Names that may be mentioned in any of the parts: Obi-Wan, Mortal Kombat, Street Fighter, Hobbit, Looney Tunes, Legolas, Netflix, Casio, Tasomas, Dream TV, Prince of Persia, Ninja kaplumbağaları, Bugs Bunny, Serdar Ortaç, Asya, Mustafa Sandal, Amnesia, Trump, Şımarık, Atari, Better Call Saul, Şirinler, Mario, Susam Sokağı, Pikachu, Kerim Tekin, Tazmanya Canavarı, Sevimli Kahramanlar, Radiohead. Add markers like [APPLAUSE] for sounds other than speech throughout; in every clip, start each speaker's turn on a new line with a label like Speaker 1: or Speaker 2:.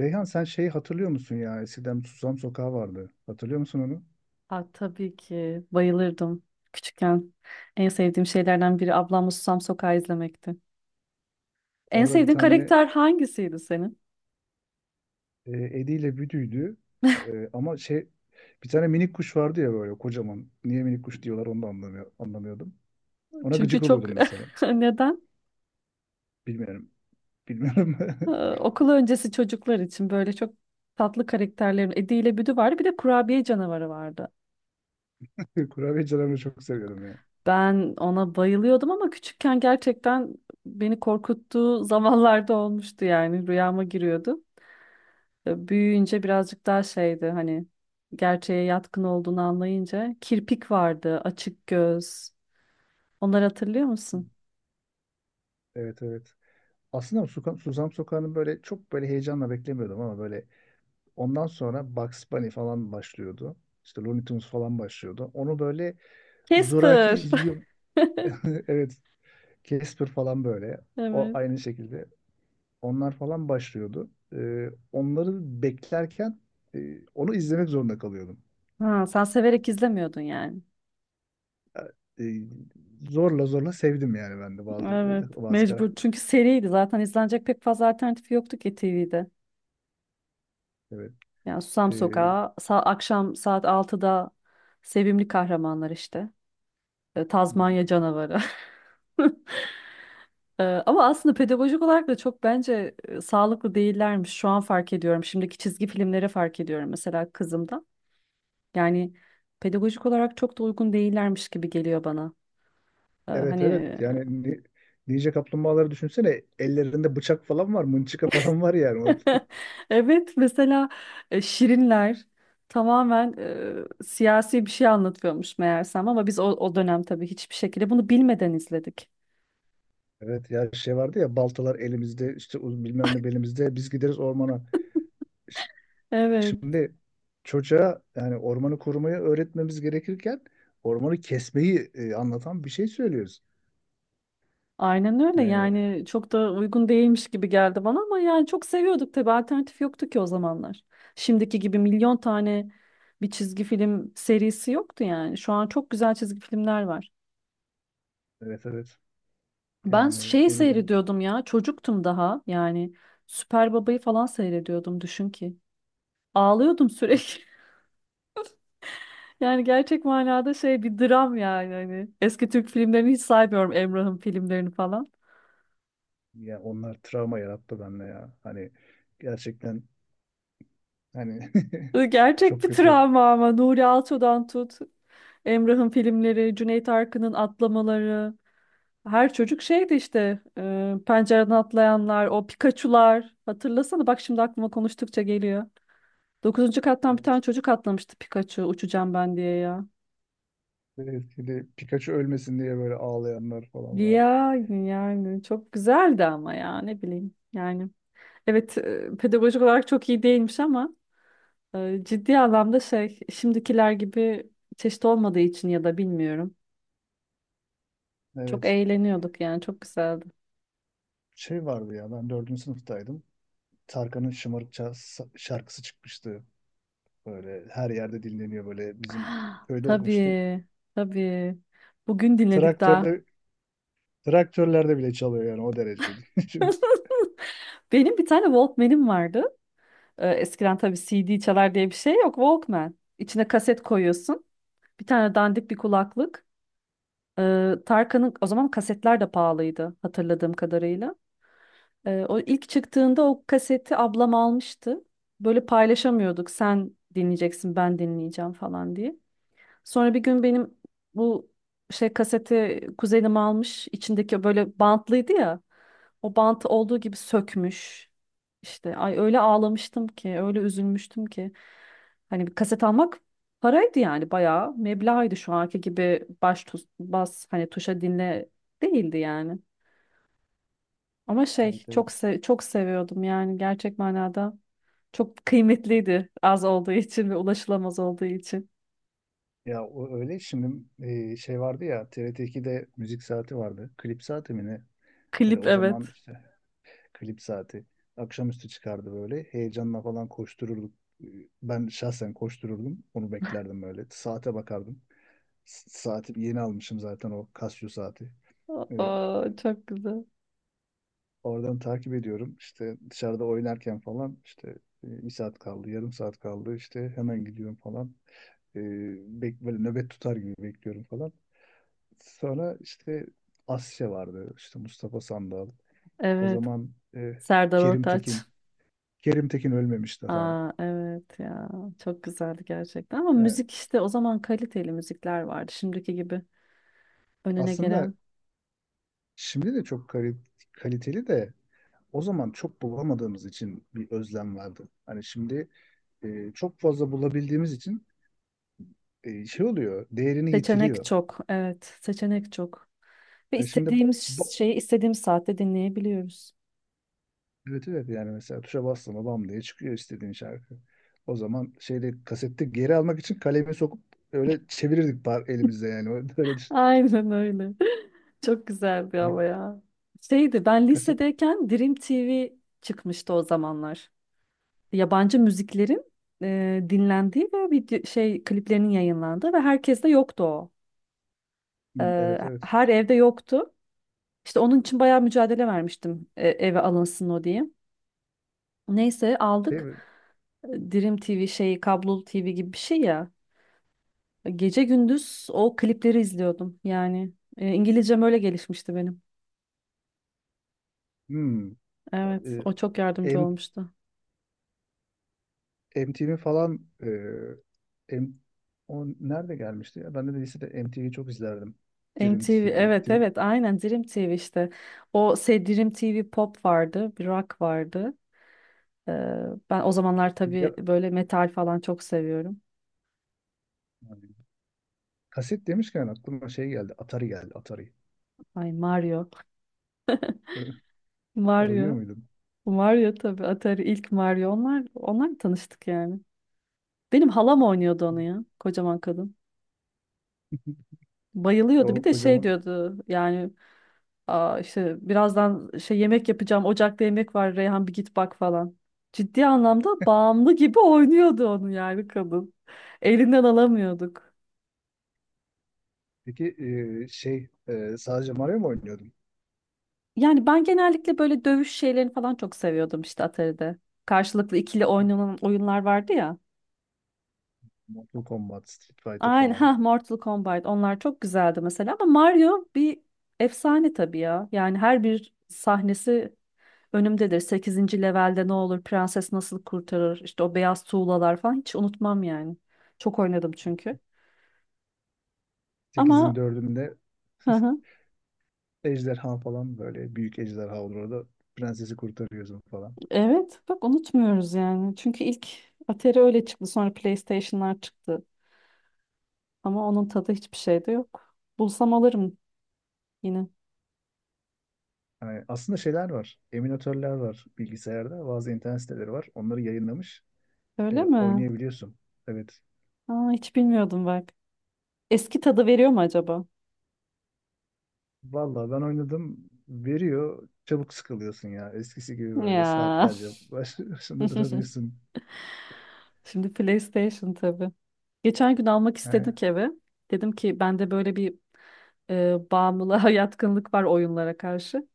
Speaker 1: Reyhan, sen şeyi hatırlıyor musun ya? Eskiden Susam Sokağı vardı. Hatırlıyor musun onu?
Speaker 2: Aa, tabii ki bayılırdım küçükken. En sevdiğim şeylerden biri ablamla Susam Sokağı izlemekti. En
Speaker 1: Orada bir
Speaker 2: sevdiğin
Speaker 1: tane
Speaker 2: karakter hangisiydi senin?
Speaker 1: e, Edi ile Büdü'ydü.
Speaker 2: [LAUGHS]
Speaker 1: Ama şey bir tane minik kuş vardı ya böyle kocaman. Niye minik kuş diyorlar onu da anlamıyordum. Ona
Speaker 2: Çünkü
Speaker 1: gıcık
Speaker 2: çok
Speaker 1: oluyordum mesela.
Speaker 2: [LAUGHS] neden?
Speaker 1: Bilmiyorum. Bilmiyorum.
Speaker 2: Ee,
Speaker 1: [LAUGHS]
Speaker 2: Okul öncesi çocuklar için böyle çok tatlı karakterlerin Edi ile Büdü vardı. Bir de kurabiye canavarı vardı.
Speaker 1: Kurabiye canımı çok seviyordum ya.
Speaker 2: Ben ona bayılıyordum ama küçükken gerçekten beni korkuttuğu [LAUGHS] zamanlarda olmuştu, yani rüyama giriyordu. Büyüyünce birazcık daha şeydi, hani gerçeğe yatkın olduğunu anlayınca, kirpik vardı, açık göz. Onları hatırlıyor musun?
Speaker 1: Evet, evet. Aslında Susam Sokağı'nı böyle çok böyle heyecanla beklemiyordum ama böyle ondan sonra Bugs Bunny falan başlıyordu. İşte Looney Tunes falan başlıyordu. Onu böyle zoraki
Speaker 2: Casper.
Speaker 1: izliyor,
Speaker 2: [LAUGHS]
Speaker 1: [LAUGHS] evet, Casper falan böyle. O
Speaker 2: Evet.
Speaker 1: aynı şekilde. Onlar falan başlıyordu. Onları beklerken onu izlemek zorunda kalıyordum.
Speaker 2: Ha, sen severek izlemiyordun yani.
Speaker 1: Ee, e, zorla zorla sevdim yani ben de
Speaker 2: Evet,
Speaker 1: bazı
Speaker 2: mecbur.
Speaker 1: karakter.
Speaker 2: Çünkü seriydi. Zaten izlenecek pek fazla alternatifi yoktu ki TV'de.
Speaker 1: Evet.
Speaker 2: Yani Susam
Speaker 1: Ee,
Speaker 2: Sokağı, akşam saat altıda Sevimli Kahramanlar işte. Tazmanya Canavarı. [LAUGHS] Ama aslında pedagojik olarak da çok bence sağlıklı değillermiş. Şu an fark ediyorum. Şimdiki çizgi filmleri fark ediyorum mesela kızımda. Yani pedagojik olarak çok da uygun değillermiş gibi geliyor bana.
Speaker 1: evet,
Speaker 2: Hani
Speaker 1: evet. Yani Ninja kaplumbağaları düşünsene, ellerinde bıçak falan var, mınçıka falan var yani. [LAUGHS]
Speaker 2: [LAUGHS] evet, mesela Şirinler tamamen siyasi bir şey anlatıyormuş meğersem, ama biz o dönem tabii hiçbir şekilde bunu bilmeden izledik.
Speaker 1: Evet ya, şey vardı ya, baltalar elimizde, işte bilmem ne belimizde biz gideriz ormana.
Speaker 2: Evet.
Speaker 1: Şimdi çocuğa yani ormanı korumayı öğretmemiz gerekirken ormanı kesmeyi anlatan bir şey söylüyoruz.
Speaker 2: Aynen öyle,
Speaker 1: Yani
Speaker 2: yani çok da uygun değilmiş gibi geldi bana ama yani çok seviyorduk, tabii alternatif yoktu ki o zamanlar. Şimdiki gibi milyon tane bir çizgi film serisi yoktu yani. Şu an çok güzel çizgi filmler var.
Speaker 1: evet, evet,
Speaker 2: Ben
Speaker 1: yani
Speaker 2: şey
Speaker 1: ne bileyim,
Speaker 2: seyrediyordum ya, çocuktum daha yani, Süper Baba'yı falan seyrediyordum düşün ki. Ağlıyordum sürekli. [LAUGHS] Yani gerçek manada şey, bir dram yani hani. Eski Türk filmlerini hiç saymıyorum, Emrah'ın filmlerini falan.
Speaker 1: ya onlar travma yarattı bende ya. Hani gerçekten, hani [LAUGHS]
Speaker 2: Gerçek
Speaker 1: çok
Speaker 2: bir
Speaker 1: kötü.
Speaker 2: travma ama, Nuri Alço'dan tut, Emrah'ın filmleri, Cüneyt Arkın'ın atlamaları. Her çocuk şeydi işte, pencereden atlayanlar, o Pikachu'lar. Hatırlasana bak, şimdi aklıma konuştukça geliyor. Dokuzuncu kattan bir
Speaker 1: Evet.
Speaker 2: tane çocuk atlamıştı, Pikachu uçacağım ben diye ya.
Speaker 1: Evet, bir de Pikachu ölmesin diye böyle ağlayanlar falan var.
Speaker 2: Yani çok güzeldi ama ya, ne bileyim yani. Evet, pedagojik olarak çok iyi değilmiş ama ciddi anlamda şey, şimdikiler gibi çeşit olmadığı için ya da bilmiyorum. Çok
Speaker 1: Evet.
Speaker 2: eğleniyorduk yani, çok güzeldi.
Speaker 1: Şey vardı ya, ben dördüncü sınıftaydım. Tarkan'ın Şımarık şarkısı çıkmıştı. Böyle her yerde dinleniyor, böyle
Speaker 2: [GASPS]
Speaker 1: bizim
Speaker 2: Ah,
Speaker 1: köyde okumuştum.
Speaker 2: tabii, tabii. Bugün dinledik daha.
Speaker 1: Traktörde traktörlerde bile çalıyor yani, o derece. [LAUGHS] Düşün.
Speaker 2: [LAUGHS] Benim bir tane Walkman'im vardı. Eskiden tabii CD çalar diye bir şey yok. Walkman. İçine kaset koyuyorsun. Bir tane dandik bir kulaklık. Tarkan'ın, o zaman kasetler de pahalıydı hatırladığım kadarıyla. O ilk çıktığında o kaseti ablam almıştı. Böyle paylaşamıyorduk. Sen dinleyeceksin, ben dinleyeceğim falan diye. Sonra bir gün benim bu şey kaseti kuzenim almış, içindeki böyle bantlıydı ya. O bantı olduğu gibi sökmüş. İşte ay, öyle ağlamıştım ki, öyle üzülmüştüm ki. Hani bir kaset almak paraydı yani, bayağı meblağıydı, şu anki gibi bas hani tuşa dinle değildi yani. Ama şey,
Speaker 1: Evet, evet.
Speaker 2: çok seviyordum yani, gerçek manada. Çok kıymetliydi, az olduğu için ve ulaşılamaz olduğu için.
Speaker 1: Ya, o öyle şimdi şey vardı ya, TRT2'de müzik saati vardı. Klip saati mi ne? Böyle
Speaker 2: Klip,
Speaker 1: o zaman
Speaker 2: evet.
Speaker 1: işte klip saati akşamüstü çıkardı böyle. Heyecanla falan koştururduk. E, Ben şahsen koştururdum. Onu beklerdim böyle. Saate bakardım. Saati yeni almışım zaten, o Casio saati. E,
Speaker 2: Aa, çok güzel.
Speaker 1: Oradan takip ediyorum. İşte dışarıda oynarken falan işte bir saat kaldı, yarım saat kaldı. İşte hemen gidiyorum falan. E, Böyle nöbet tutar gibi bekliyorum falan. Sonra işte Asya vardı. İşte Mustafa Sandal. O
Speaker 2: Evet.
Speaker 1: zaman
Speaker 2: Serdar
Speaker 1: Kerim Tekin.
Speaker 2: Ortaç.
Speaker 1: Kerim Tekin ölmemiş daha.
Speaker 2: Aa, evet ya. Çok güzeldi gerçekten. Ama
Speaker 1: E,
Speaker 2: müzik işte, o zaman kaliteli müzikler vardı. Şimdiki gibi önüne
Speaker 1: Aslında
Speaker 2: gelen.
Speaker 1: şimdi de çok kaliteli de, o zaman çok bulamadığımız için bir özlem vardı. Hani şimdi çok fazla bulabildiğimiz için şey oluyor, değerini
Speaker 2: Seçenek
Speaker 1: yitiriyor.
Speaker 2: çok. Evet. Seçenek çok. Ve
Speaker 1: Şimdi,
Speaker 2: istediğimiz
Speaker 1: bu-
Speaker 2: şeyi istediğimiz saatte dinleyebiliyoruz.
Speaker 1: evet, evet, yani mesela tuşa bastın mı bam diye çıkıyor istediğin şarkı. O zaman şeyde kasette geri almak için kalemi sokup öyle çevirirdik, par elimizde yani. [LAUGHS] Öyle düşün.
Speaker 2: Aynen öyle. [LAUGHS] Çok güzeldi
Speaker 1: Yani
Speaker 2: ama ya. Şeydi, ben
Speaker 1: kaset.
Speaker 2: lisedeyken Dream TV çıkmıştı o zamanlar, yabancı müziklerin dinlendiği ve video şey kliplerinin yayınlandığı, ve herkes de yoktu o.
Speaker 1: Hmm, evet, evet.
Speaker 2: Her evde yoktu. İşte onun için bayağı mücadele vermiştim, eve alınsın o diye. Neyse
Speaker 1: Şey
Speaker 2: aldık.
Speaker 1: mi?
Speaker 2: Dream TV şeyi, kablolu TV gibi bir şey ya. Gece gündüz o klipleri izliyordum yani. İngilizcem öyle gelişmişti benim.
Speaker 1: Hmm.
Speaker 2: Evet,
Speaker 1: E,
Speaker 2: o çok yardımcı
Speaker 1: M,
Speaker 2: olmuştu.
Speaker 1: MTV falan, e, M, o nerede gelmişti ya? Ben de lisede MTV'yi çok izlerdim. Dream
Speaker 2: MTV,
Speaker 1: TV.
Speaker 2: evet evet, aynen Dream TV işte. O şey, Dream TV Pop vardı, bir rock vardı. Ee, Ben o zamanlar
Speaker 1: Ya,
Speaker 2: tabii böyle metal falan çok seviyorum.
Speaker 1: yani kaset demişken aklıma şey geldi. Atari geldi. Atari.
Speaker 2: Ay, Mario.
Speaker 1: [LAUGHS] Oynuyor
Speaker 2: Mario.
Speaker 1: muydum.
Speaker 2: Mario tabii, Atari, ilk Mario. Onlar tanıştık yani. Benim halam oynuyordu onu ya. Kocaman kadın.
Speaker 1: Ya,
Speaker 2: Bayılıyordu.
Speaker 1: o
Speaker 2: Bir de şey
Speaker 1: kocaman.
Speaker 2: diyordu yani, aa, işte birazdan şey, yemek yapacağım. Ocakta yemek var. Reyhan bir git bak falan. Ciddi anlamda bağımlı gibi oynuyordu onu yani kadın. Elinden alamıyorduk.
Speaker 1: Peki şey, sadece Mario mu oynuyordun?
Speaker 2: Yani ben genellikle böyle dövüş şeylerini falan çok seviyordum işte Atari'de. Karşılıklı ikili oynanan oyunlar vardı ya.
Speaker 1: Mortal Kombat, Street Fighter
Speaker 2: Aynen,
Speaker 1: falan.
Speaker 2: ha, Mortal Kombat, onlar çok güzeldi mesela, ama Mario bir efsane tabii ya. Yani her bir sahnesi önümdedir. Sekizinci levelde ne olur, prenses nasıl kurtarır, işte o beyaz tuğlalar falan hiç unutmam yani. Çok oynadım çünkü.
Speaker 1: 8'in
Speaker 2: Ama
Speaker 1: 4'ünde
Speaker 2: hı
Speaker 1: [LAUGHS]
Speaker 2: hı,
Speaker 1: ejderha falan, böyle büyük ejderha olur orada, prensesi kurtarıyorsun falan.
Speaker 2: evet bak, unutmuyoruz yani. Çünkü ilk Atari öyle çıktı, sonra PlayStation'lar çıktı. Ama onun tadı hiçbir şeyde yok. Bulsam alırım yine.
Speaker 1: Yani aslında şeyler var. Eminatörler var bilgisayarda. Bazı internet siteleri var. Onları yayınlamış.
Speaker 2: Öyle mi?
Speaker 1: Oynayabiliyorsun. Evet.
Speaker 2: Aa, hiç bilmiyordum bak. Eski tadı veriyor mu acaba?
Speaker 1: Vallahi ben oynadım. Veriyor. Çabuk sıkılıyorsun ya. Eskisi gibi böyle
Speaker 2: Ya.
Speaker 1: saatlerce baş, başında
Speaker 2: [LAUGHS]
Speaker 1: duramıyorsun.
Speaker 2: Şimdi PlayStation tabii. Geçen gün almak
Speaker 1: Yani
Speaker 2: istedik eve. Dedim ki, bende böyle bir bağımlılığa [LAUGHS] yatkınlık var oyunlara karşı.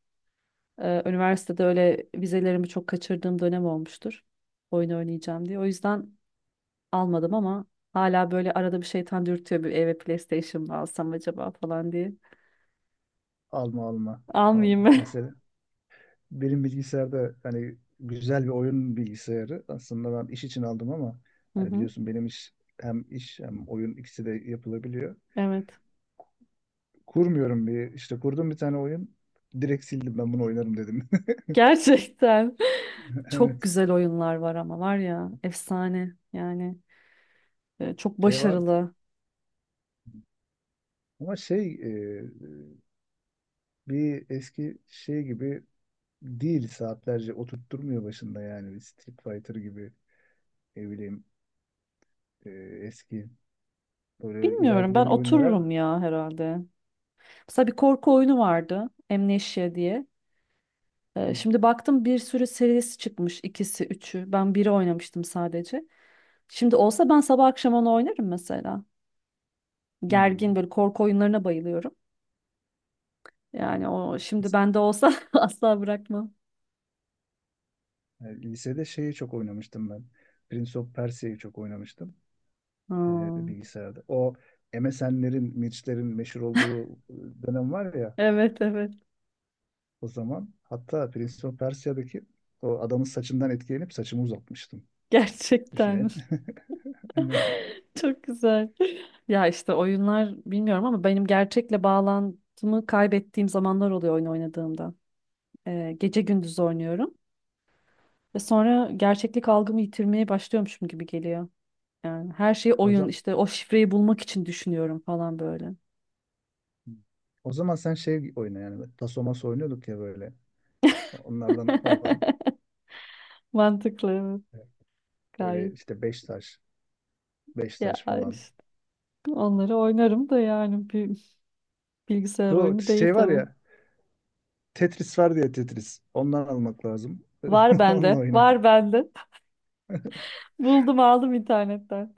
Speaker 2: Üniversitede öyle vizelerimi çok kaçırdığım dönem olmuştur. Oyun oynayacağım diye. O yüzden almadım ama hala böyle arada bir şeytan dürtüyor, bir eve PlayStation mı alsam acaba falan diye.
Speaker 1: alma, alma, alma.
Speaker 2: Almayayım. [LAUGHS]
Speaker 1: Mesela benim bilgisayarda hani güzel bir oyun bilgisayarı. Aslında ben iş için aldım ama
Speaker 2: Hı
Speaker 1: hani
Speaker 2: hı.
Speaker 1: biliyorsun, benim iş, hem iş hem oyun, ikisi de yapılabiliyor.
Speaker 2: Evet.
Speaker 1: Kurmuyorum, bir işte kurdum bir tane oyun. Direkt sildim, ben bunu oynarım dedim.
Speaker 2: Gerçekten [LAUGHS]
Speaker 1: [LAUGHS]
Speaker 2: çok
Speaker 1: Evet.
Speaker 2: güzel oyunlar var, ama var ya efsane yani, çok
Speaker 1: Şey vardı.
Speaker 2: başarılı.
Speaker 1: Ama şey bir eski şey gibi değil, saatlerce oturtturmuyor başında yani, bir Street Fighter gibi, ne bileyim e, eski böyle
Speaker 2: Bilmiyorum, ben
Speaker 1: ilerlemeli oyunlar var.
Speaker 2: otururum ya herhalde. Mesela bir korku oyunu vardı, Amnesia diye.
Speaker 1: Hı,
Speaker 2: Şimdi baktım bir sürü serisi çıkmış, ikisi üçü. Ben biri oynamıştım sadece. Şimdi olsa ben sabah akşam onu oynarım mesela.
Speaker 1: hı.
Speaker 2: Gergin, böyle korku oyunlarına bayılıyorum. Yani o şimdi bende olsa [LAUGHS] asla bırakmam.
Speaker 1: Yani lisede şeyi çok oynamıştım ben. Prince of Persia'yı çok oynamıştım
Speaker 2: Hmm.
Speaker 1: bilgisayarda. O MSN'lerin, Mirç'lerin meşhur olduğu dönem var ya
Speaker 2: Evet evet,
Speaker 1: o zaman. Hatta Prince of Persia'daki o adamın saçından etkilenip saçımı uzatmıştım.
Speaker 2: gerçekten.
Speaker 1: Düşünün. [LAUGHS] Aynen.
Speaker 2: [LAUGHS] Çok güzel. Ya işte oyunlar, bilmiyorum ama benim gerçekle bağlantımı kaybettiğim zamanlar oluyor oyun oynadığımda. Gece gündüz oynuyorum ve sonra gerçeklik algımı yitirmeye başlıyormuşum gibi geliyor. Yani her şeyi
Speaker 1: O
Speaker 2: oyun,
Speaker 1: zaman,
Speaker 2: işte o şifreyi bulmak için düşünüyorum falan böyle.
Speaker 1: o zaman sen şey oyna yani. Tasomas oynuyorduk ya böyle. Onlardan falan.
Speaker 2: [LAUGHS] Mantıklı, evet,
Speaker 1: Evet. Böyle
Speaker 2: gayet.
Speaker 1: işte beş taş, beş taş
Speaker 2: Ya
Speaker 1: falan.
Speaker 2: işte onları oynarım da yani, bir bilgisayar
Speaker 1: Şu
Speaker 2: oyunu değil
Speaker 1: şey var
Speaker 2: tabii.
Speaker 1: ya, Tetris var diye, Tetris. Ondan almak lazım. [LAUGHS]
Speaker 2: Var
Speaker 1: Onunla
Speaker 2: bende,
Speaker 1: oyna.
Speaker 2: var bende. [LAUGHS] Buldum, aldım internetten.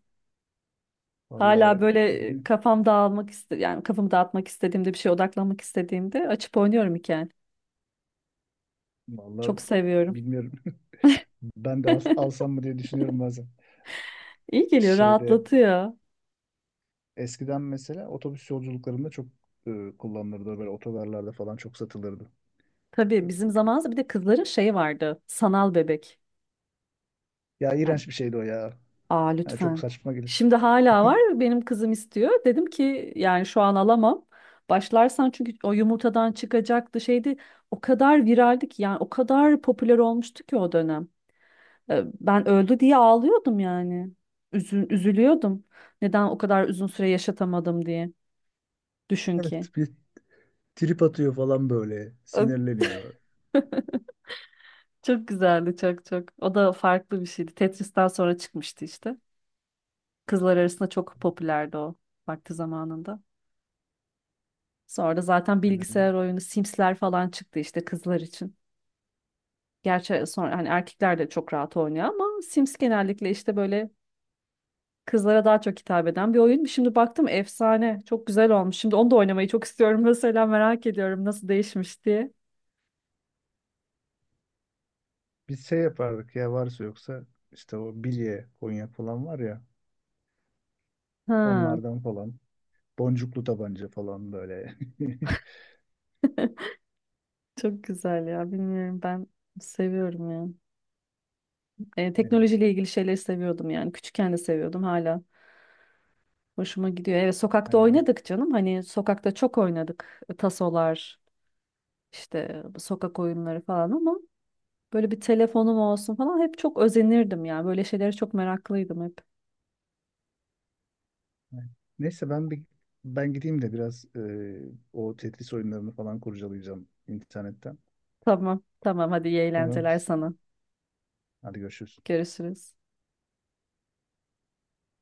Speaker 2: Hala
Speaker 1: Vallahi
Speaker 2: böyle
Speaker 1: bilmiyorum.
Speaker 2: kafam dağılmak iste, yani kafamı dağıtmak istediğimde, bir şeye odaklanmak istediğimde açıp oynuyorum hikaye.
Speaker 1: Vallahi
Speaker 2: Çok seviyorum.
Speaker 1: bilmiyorum. [LAUGHS] Ben de alsam mı diye düşünüyorum bazen.
Speaker 2: İyi geliyor,
Speaker 1: Şeyde
Speaker 2: rahatlatıyor.
Speaker 1: eskiden mesela otobüs yolculuklarında çok kullanılırdı. Böyle otogarlarda falan çok satılırdı.
Speaker 2: Tabii bizim zamanımızda bir de kızların şeyi vardı. Sanal bebek.
Speaker 1: Ya,
Speaker 2: Yani,
Speaker 1: iğrenç bir şeydi o ya.
Speaker 2: aa,
Speaker 1: Yani çok
Speaker 2: lütfen.
Speaker 1: saçma gibi.
Speaker 2: Şimdi hala var. Benim kızım istiyor. Dedim ki, yani şu an alamam. Başlarsan, çünkü o yumurtadan çıkacaktı şeydi. O kadar viraldi ki yani, o kadar popüler olmuştu ki o dönem. Ben öldü diye ağlıyordum yani. Üzülüyordum. Neden o kadar uzun süre yaşatamadım diye. Düşün ki.
Speaker 1: Evet, bir trip atıyor falan böyle.
Speaker 2: Ö,
Speaker 1: Sinirleniyor.
Speaker 2: Çok güzeldi, çok çok. O da farklı bir şeydi. Tetris'ten sonra çıkmıştı işte. Kızlar arasında çok popülerdi o vakti zamanında. Sonra da zaten
Speaker 1: Yani
Speaker 2: bilgisayar oyunu Sims'ler falan çıktı işte kızlar için. Gerçi sonra hani erkekler de çok rahat oynuyor ama Sims genellikle işte böyle kızlara daha çok hitap eden bir oyun. Şimdi baktım efsane. Çok güzel olmuş. Şimdi onu da oynamayı çok istiyorum [LAUGHS] mesela, merak ediyorum nasıl değişmiş diye.
Speaker 1: biz şey yapardık ya, varsa yoksa işte o bilye, konya falan var ya,
Speaker 2: Ha.
Speaker 1: onlardan falan. Boncuklu tabanca falan böyle. [LAUGHS]
Speaker 2: [LAUGHS] Çok güzel ya. Bilmiyorum, ben seviyorum ya.
Speaker 1: Aynen.
Speaker 2: Teknolojiyle ilgili şeyleri seviyordum yani. Küçükken de seviyordum, hala. Hoşuma gidiyor. Evet, sokakta
Speaker 1: Aynen.
Speaker 2: oynadık canım. Hani sokakta çok oynadık. Tasolar, işte sokak oyunları falan, ama böyle bir telefonum olsun falan hep çok özenirdim ya. Böyle şeylere çok meraklıydım hep.
Speaker 1: Aynen. Neyse, ben gideyim de biraz o Tetris oyunlarını falan kurcalayacağım internetten.
Speaker 2: Tamam, tamam, hadi iyi
Speaker 1: Sonra
Speaker 2: eğlenceler sana.
Speaker 1: hadi görüşürüz.
Speaker 2: Görüşürüz.